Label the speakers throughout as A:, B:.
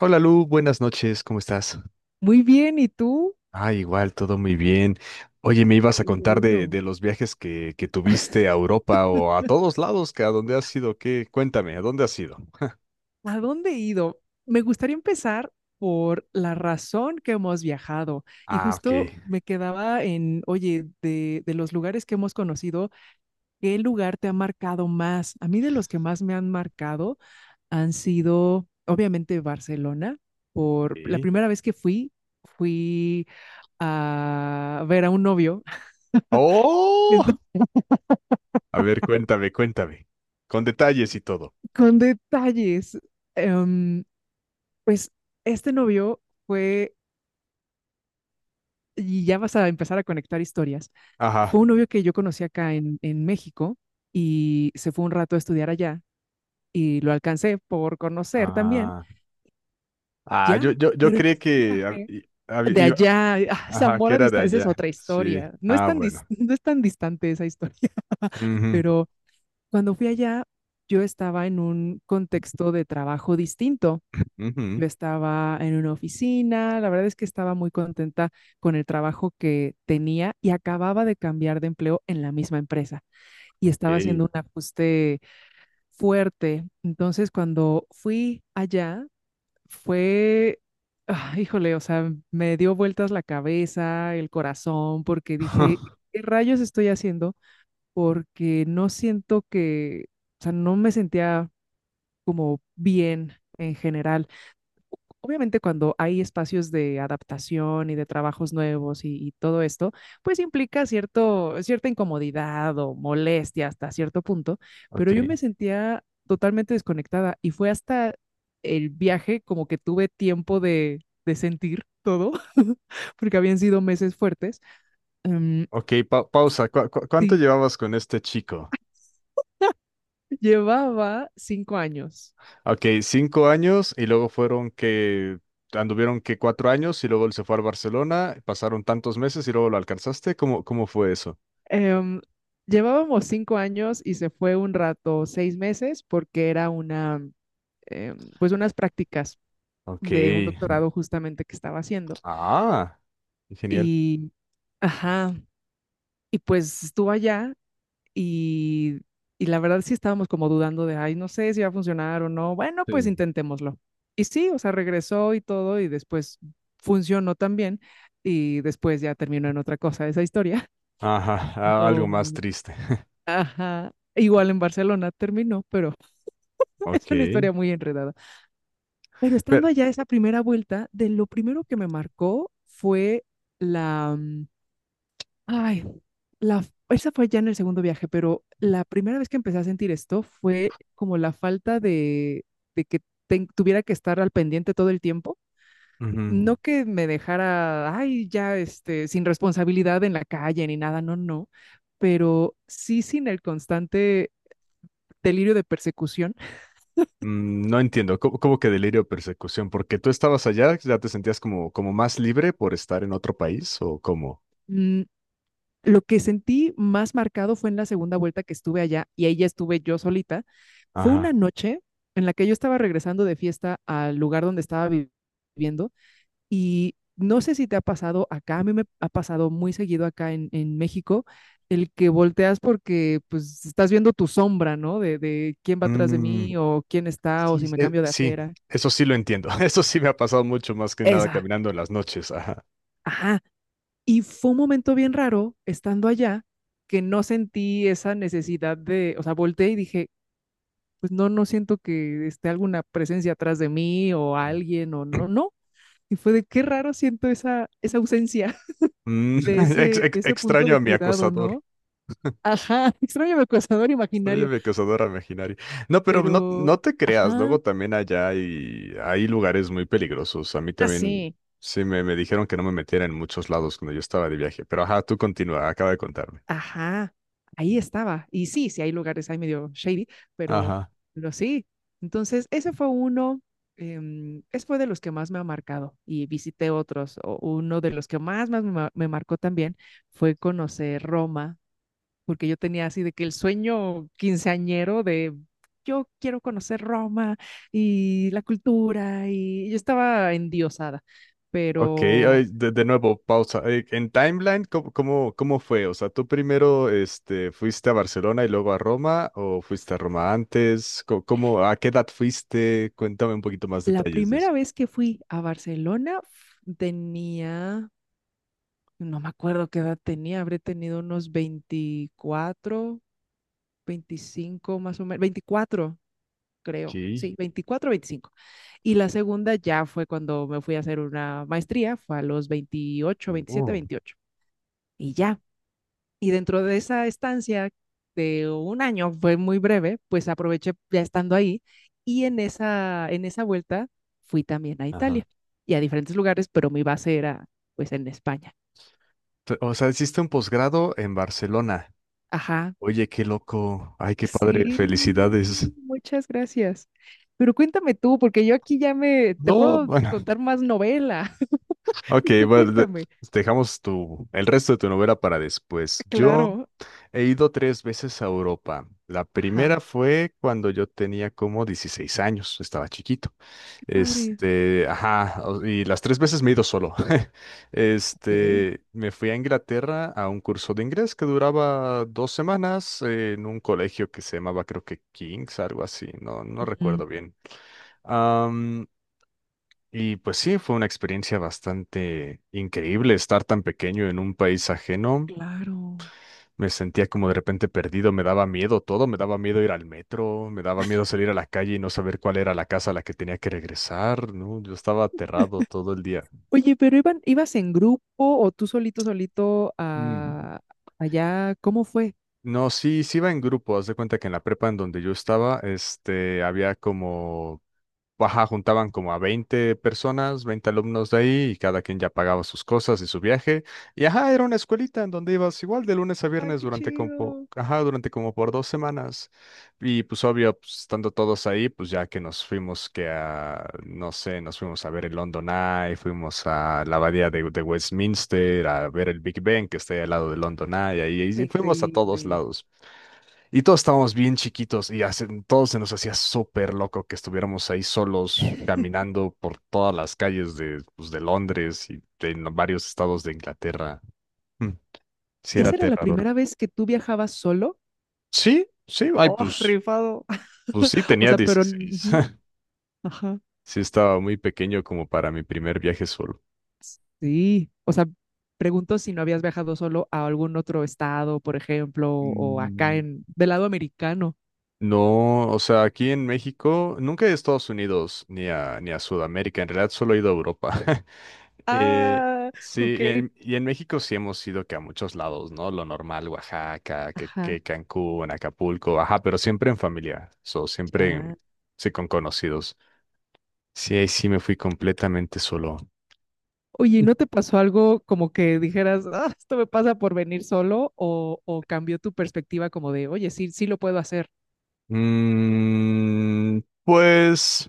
A: Hola Lu, buenas noches, ¿cómo estás?
B: Muy bien, ¿y tú?
A: Ah, igual, todo muy bien. Oye, me ibas a
B: Qué
A: contar de,
B: bueno.
A: de los viajes que tuviste a Europa o a todos lados, que a dónde has ido, ¿qué? Cuéntame, ¿a dónde has ido?
B: ¿A dónde he ido? Me gustaría empezar por la razón que hemos viajado. Y
A: Ah, ok.
B: justo me quedaba en, oye, de los lugares que hemos conocido, ¿qué lugar te ha marcado más? A mí, de los que más me han marcado, han sido, obviamente, Barcelona. Por la
A: ¿Sí?
B: primera vez que fui, a ver a un novio.
A: ¡Oh! A ver, cuéntame, cuéntame. Con detalles y todo.
B: Con detalles. Em, pues este novio... fue, y ya vas a empezar a conectar historias.
A: Ajá.
B: Fue un novio que yo conocí acá en México, y se fue un rato a estudiar allá, y lo alcancé por conocer también,
A: Ah, ah, yo,
B: ya.
A: yo, yo
B: Pero en
A: creí
B: ese
A: que
B: viaje de
A: iba,
B: allá a
A: ajá, que
B: Zamora
A: era de
B: dista, esa es
A: allá.
B: otra
A: Sí.
B: historia, no es
A: Ah,
B: tan, dis-
A: bueno.
B: no es tan distante esa historia.
A: Ujú,
B: Pero cuando fui allá, yo estaba en un contexto de trabajo distinto.
A: ujú,
B: Yo estaba en una oficina, la verdad es que estaba muy contenta con el trabajo que tenía, y acababa de cambiar de empleo en la misma empresa, y
A: ok.
B: estaba haciendo un ajuste fuerte. Entonces, cuando fui allá, fue, ah, híjole, o sea, me dio vueltas la cabeza, el corazón, porque dije, ¿qué rayos estoy haciendo? Porque no siento que, o sea, no me sentía como bien en general. Obviamente, cuando hay espacios de adaptación y de trabajos nuevos, y todo esto, pues implica cierto, cierta incomodidad o molestia hasta cierto punto, pero yo
A: Ok.
B: me sentía totalmente desconectada, y fue hasta el viaje como que tuve tiempo de, sentir todo, porque habían sido meses fuertes. Em,
A: Ok, pausa. Cuánto
B: sí,
A: llevabas con este chico?
B: llevaba 5 años.
A: Ok, cinco años y luego fueron que anduvieron que cuatro años y luego él se fue al Barcelona, pasaron tantos meses y luego lo alcanzaste. ¿Cómo, cómo fue eso?
B: Em, Llevábamos 5 años y se fue un rato, 6 meses, porque era una pues unas prácticas
A: Ok.
B: de un doctorado justamente que estaba haciendo.
A: Ah, genial.
B: Y, ajá, y pues estuvo allá, y, y la verdad sí estábamos como dudando de, ay, no sé si va a funcionar o no. Bueno, pues
A: Sí.
B: intentémoslo. Y sí, o sea, regresó y todo, y después funcionó también, y después ya terminó en otra cosa esa historia.
A: Ajá, algo
B: Pero,
A: más triste.
B: ajá, igual en Barcelona terminó, pero es
A: Ok.
B: una historia muy enredada. Pero
A: Pero
B: estando allá esa primera vuelta, de lo primero que me marcó fue la, mm, ay, la, esa fue ya en el segundo viaje, pero la primera vez que empecé a sentir esto fue como la falta de, que tuviera que estar al pendiente todo el tiempo.
A: ujú,
B: No que me dejara, ay, ya, este, sin responsabilidad en la calle ni nada, no, no, pero sí sin el constante delirio de persecución.
A: mm, no entiendo, ¿cómo, cómo que delirio o persecución? ¿Porque tú estabas allá, ya te sentías como, como más libre por estar en otro país o cómo?
B: Mm, Lo que sentí más marcado fue en la segunda vuelta que estuve allá, y ahí ya estuve yo solita. Fue
A: Ajá.
B: una noche en la que yo estaba regresando de fiesta al lugar donde estaba viviendo, y no sé si te ha pasado acá, a mí me ha pasado muy seguido acá en, México, el que volteas porque pues estás viendo tu sombra, ¿no? De quién va atrás de
A: Mm,
B: mí, o quién está, o
A: sí,
B: si
A: sí,
B: me cambio de
A: sí,
B: acera.
A: eso sí lo entiendo. Eso sí me ha pasado mucho más que nada
B: Esa,
A: caminando en las noches. Ajá.
B: ajá. Y fue un momento bien raro estando allá que no sentí esa necesidad de, o sea, volteé y dije, pues no, no siento que esté alguna presencia atrás de mí o alguien, o no, no. Y fue de qué raro siento esa ausencia
A: Mm,
B: de ese, de ese punto
A: extraño
B: de
A: a mi
B: cuidado,
A: acosador.
B: ¿no? Ajá, extraño mi acosador
A: Extraño a
B: imaginario,
A: mi acosador imaginario. No, pero no,
B: pero,
A: no te creas,
B: ajá,
A: luego también allá hay, hay lugares muy peligrosos. A mí también
B: así.
A: sí me dijeron que no me metiera en muchos lados cuando yo estaba de viaje. Pero ajá, tú continúa, acaba de contarme.
B: Ajá, ahí estaba. Y sí, sí hay lugares ahí medio shady, pero,
A: Ajá.
B: pero sí. Entonces, ese fue uno, ese fue de los que más me ha marcado, y visité otros. Uno de los que más me marcó también fue conocer Roma, porque yo tenía así de que el sueño quinceañero de yo quiero conocer Roma y la cultura, y yo estaba endiosada,
A: Ok,
B: pero...
A: ay, de nuevo, pausa. En timeline, ¿cómo, cómo, cómo fue? O sea, ¿tú primero este, fuiste a Barcelona y luego a Roma o fuiste a Roma antes? ¿Cómo, a qué edad fuiste? Cuéntame un poquito más
B: La
A: detalles de eso.
B: primera vez que fui a Barcelona f- tenía No me acuerdo qué edad tenía, habré tenido unos 24, 25, más o menos. 24, creo,
A: Ok.
B: sí, 24, 25. Y la segunda ya fue cuando me fui a hacer una maestría, fue a los 28, 27,
A: Oh.
B: 28. Y ya, y dentro de esa estancia de un año, fue muy breve, pues aproveché ya estando ahí, y en esa vuelta fui también a
A: Ajá.
B: Italia y a diferentes lugares, pero mi base era pues en España.
A: O sea, hiciste un posgrado en Barcelona.
B: Ajá.
A: Oye, qué loco. Ay, qué padre.
B: Sí,
A: Felicidades.
B: muchas gracias. Pero cuéntame tú, porque yo aquí ya te
A: No,
B: puedo
A: bueno.
B: contar más novela.
A: Ok,
B: Tú
A: bueno,
B: cuéntame.
A: dejamos tu, el resto de tu novela para después. Yo
B: Claro.
A: he ido tres veces a Europa. La
B: Ajá.
A: primera fue cuando yo tenía como 16 años, estaba chiquito.
B: Qué padre.
A: Este, ajá, y las tres veces me he ido solo.
B: Ok.
A: Este, me fui a Inglaterra a un curso de inglés que duraba dos semanas en un colegio que se llamaba, creo que King's, algo así, no, no
B: Ujú.
A: recuerdo bien. Y pues sí, fue una experiencia bastante increíble estar tan pequeño en un país ajeno.
B: Claro.
A: Me sentía como de repente perdido, me daba miedo todo, me daba miedo ir al metro, me daba miedo salir a la calle y no saber cuál era la casa a la que tenía que regresar, ¿no? Yo estaba aterrado todo el día.
B: Oye, pero ¿ibas en grupo o tú solito, solito,
A: Mm.
B: allá? ¿Cómo fue?
A: No, sí, sí iba en grupo. Haz de cuenta que en la prepa en donde yo estaba, este, había como ajá, juntaban como a 20 personas, 20 alumnos de ahí, y cada quien ya pagaba sus cosas y su viaje. Y ajá, era una escuelita en donde ibas igual de lunes a
B: Ay,
A: viernes
B: qué
A: durante como,
B: chido.
A: ajá, durante como por dos semanas. Y pues obvio, pues, estando todos ahí, pues ya que nos fuimos que a, no sé, nos fuimos a ver el London Eye, fuimos a la abadía de Westminster, a ver el Big Ben que está ahí al lado del London Eye, ahí,
B: Qué
A: y fuimos a todos
B: increíble.
A: lados. Y todos estábamos bien chiquitos y todos se nos hacía súper loco que estuviéramos ahí solos caminando por todas las calles de, pues, de Londres y de en varios estados de Inglaterra. Mm, sí, era
B: ¿Esa era la
A: aterrador.
B: primera vez que tú viajabas solo?
A: Sí, sí, ay,
B: Oh,
A: pues,
B: rifado.
A: pues sí,
B: O
A: tenía
B: sea, pero...
A: dieciséis.
B: ujú. Ajá.
A: Sí, estaba muy pequeño como para mi primer viaje solo.
B: Sí, o sea, pregunto si no habías viajado solo a algún otro estado, por ejemplo, o acá
A: Mm.
B: en del lado americano.
A: No, o sea, aquí en México nunca he ido a Estados Unidos ni a Sudamérica, en realidad solo he ido a Europa. Eh,
B: Ah,
A: sí,
B: ok.
A: y en México sí hemos ido que a muchos lados, ¿no? Lo normal, Oaxaca,
B: Ajá,
A: que Cancún, Acapulco, ajá, pero siempre en familia, so, siempre
B: ya.
A: sí, con conocidos. Sí, ahí sí me fui completamente solo.
B: Oye, ¿y no te pasó algo como que dijeras, ah, esto me pasa por venir solo? O cambió tu perspectiva como de, oye, sí, sí lo puedo hacer.
A: Mm, pues.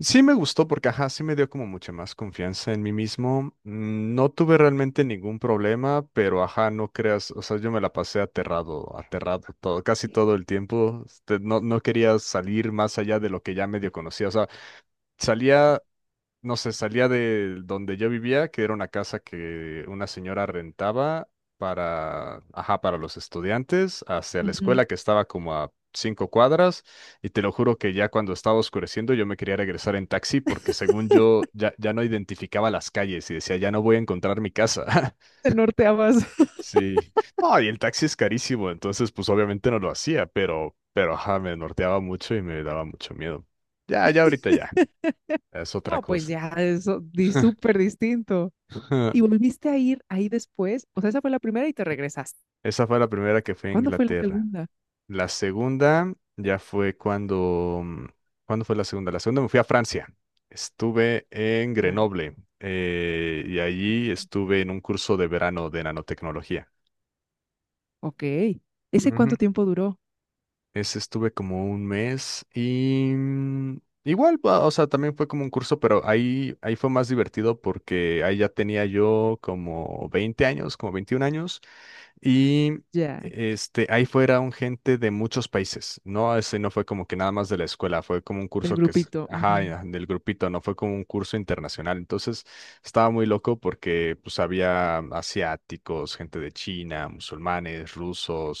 A: Sí me gustó porque, ajá, sí me dio como mucha más confianza en mí mismo. Mm, no tuve realmente ningún problema, pero, ajá, no creas, o sea, yo me la pasé aterrado, aterrado todo, casi todo el tiempo. Este, no, no quería salir más allá de lo que ya medio conocía. O sea, salía no sé, salía de donde yo vivía, que era una casa que una señora rentaba para, ajá, para los estudiantes, hacia la
B: Ujú.
A: escuela que estaba como a cinco cuadras, y te lo juro que ya cuando estaba oscureciendo yo me quería regresar en taxi porque según yo ya, ya no identificaba las calles y decía, ya no voy a encontrar mi casa.
B: Te norteabas.
A: Sí. No, y el taxi es carísimo, entonces pues obviamente no lo hacía, pero ajá, me norteaba mucho y me daba mucho miedo. Ya, ya ahorita ya, es otra
B: No, pues
A: cosa.
B: ya, eso di súper distinto. ¿Y volviste a ir ahí después? O sea, esa fue la primera y te regresaste.
A: Esa fue la primera que fue a
B: ¿Cuándo fue la
A: Inglaterra.
B: segunda?
A: La segunda ya fue cuando... mm, ¿cuándo fue la segunda? La segunda me fui a Francia. Estuve en Grenoble y allí estuve en un curso de verano de nanotecnología.
B: Ok. ¿Ese cuánto
A: Ujú.
B: tiempo duró?
A: Ese estuve como un mes y mm, igual, o sea, también fue como un curso, pero ahí, ahí fue más divertido porque ahí ya tenía yo como 20 años, como 21 años. Y
B: Ya,
A: este, ahí fueron gente de muchos países. No, ese no fue como que nada más de la escuela, fue como un
B: el
A: curso que es,
B: grupito.
A: ajá,
B: Ujú.
A: ya, del grupito, no fue como un curso internacional. Entonces estaba muy loco porque pues había asiáticos, gente de China, musulmanes,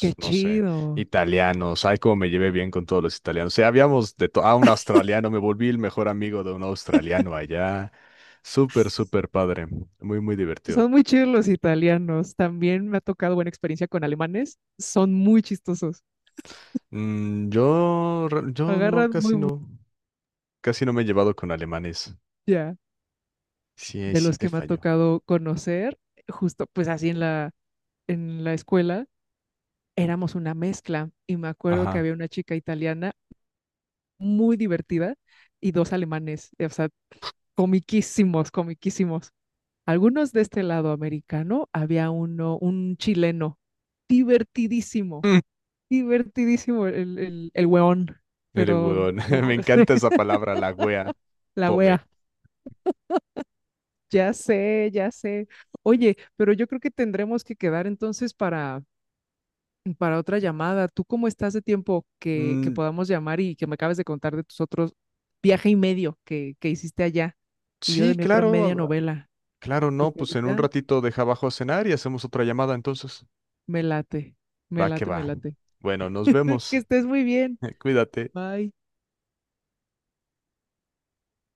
B: Qué
A: no sé,
B: chido.
A: italianos. Ay, cómo me llevé bien con todos los italianos. O sea, habíamos de todo. Ah, un australiano, me volví el mejor amigo de un australiano allá. Súper, súper padre. Muy, muy divertido.
B: Son muy chidos los italianos. También me ha tocado buena experiencia con alemanes. Son muy chistosos.
A: Mm, yo, yo no,
B: Agarran muy
A: casi
B: bu-
A: no, casi no me he llevado con alemanes.
B: ya.
A: Sí, ahí
B: De
A: sí
B: los
A: te
B: que me ha
A: falló.
B: tocado conocer, justo pues así en la, escuela, éramos una mezcla. Y me acuerdo que
A: Ajá.
B: había una chica italiana muy divertida y dos alemanes. O sea, comiquísimos, comiquísimos. Algunos de este lado americano, había uno, un chileno, divertidísimo,
A: Mm,
B: divertidísimo el hueón,
A: mire,
B: pero
A: weón, me
B: oh,
A: encanta esa palabra, la wea.
B: la
A: Fome.
B: wea. Ya sé, ya sé. Oye, pero yo creo que tendremos que quedar entonces para, otra llamada. ¿Tú cómo estás de tiempo, que
A: Mm,
B: podamos llamar y que me acabes de contar de tus otros viaje y medio que hiciste allá, y yo de
A: sí,
B: mi otra
A: claro,
B: media
A: ah,
B: novela?
A: claro, no,
B: Porque
A: pues en un
B: ahorita
A: ratito deja abajo a cenar y hacemos otra llamada entonces.
B: me late, me
A: Va que
B: late,
A: va.
B: me late.
A: Bueno, nos
B: Que
A: vemos.
B: estés muy bien.
A: Cuídate.
B: Bye.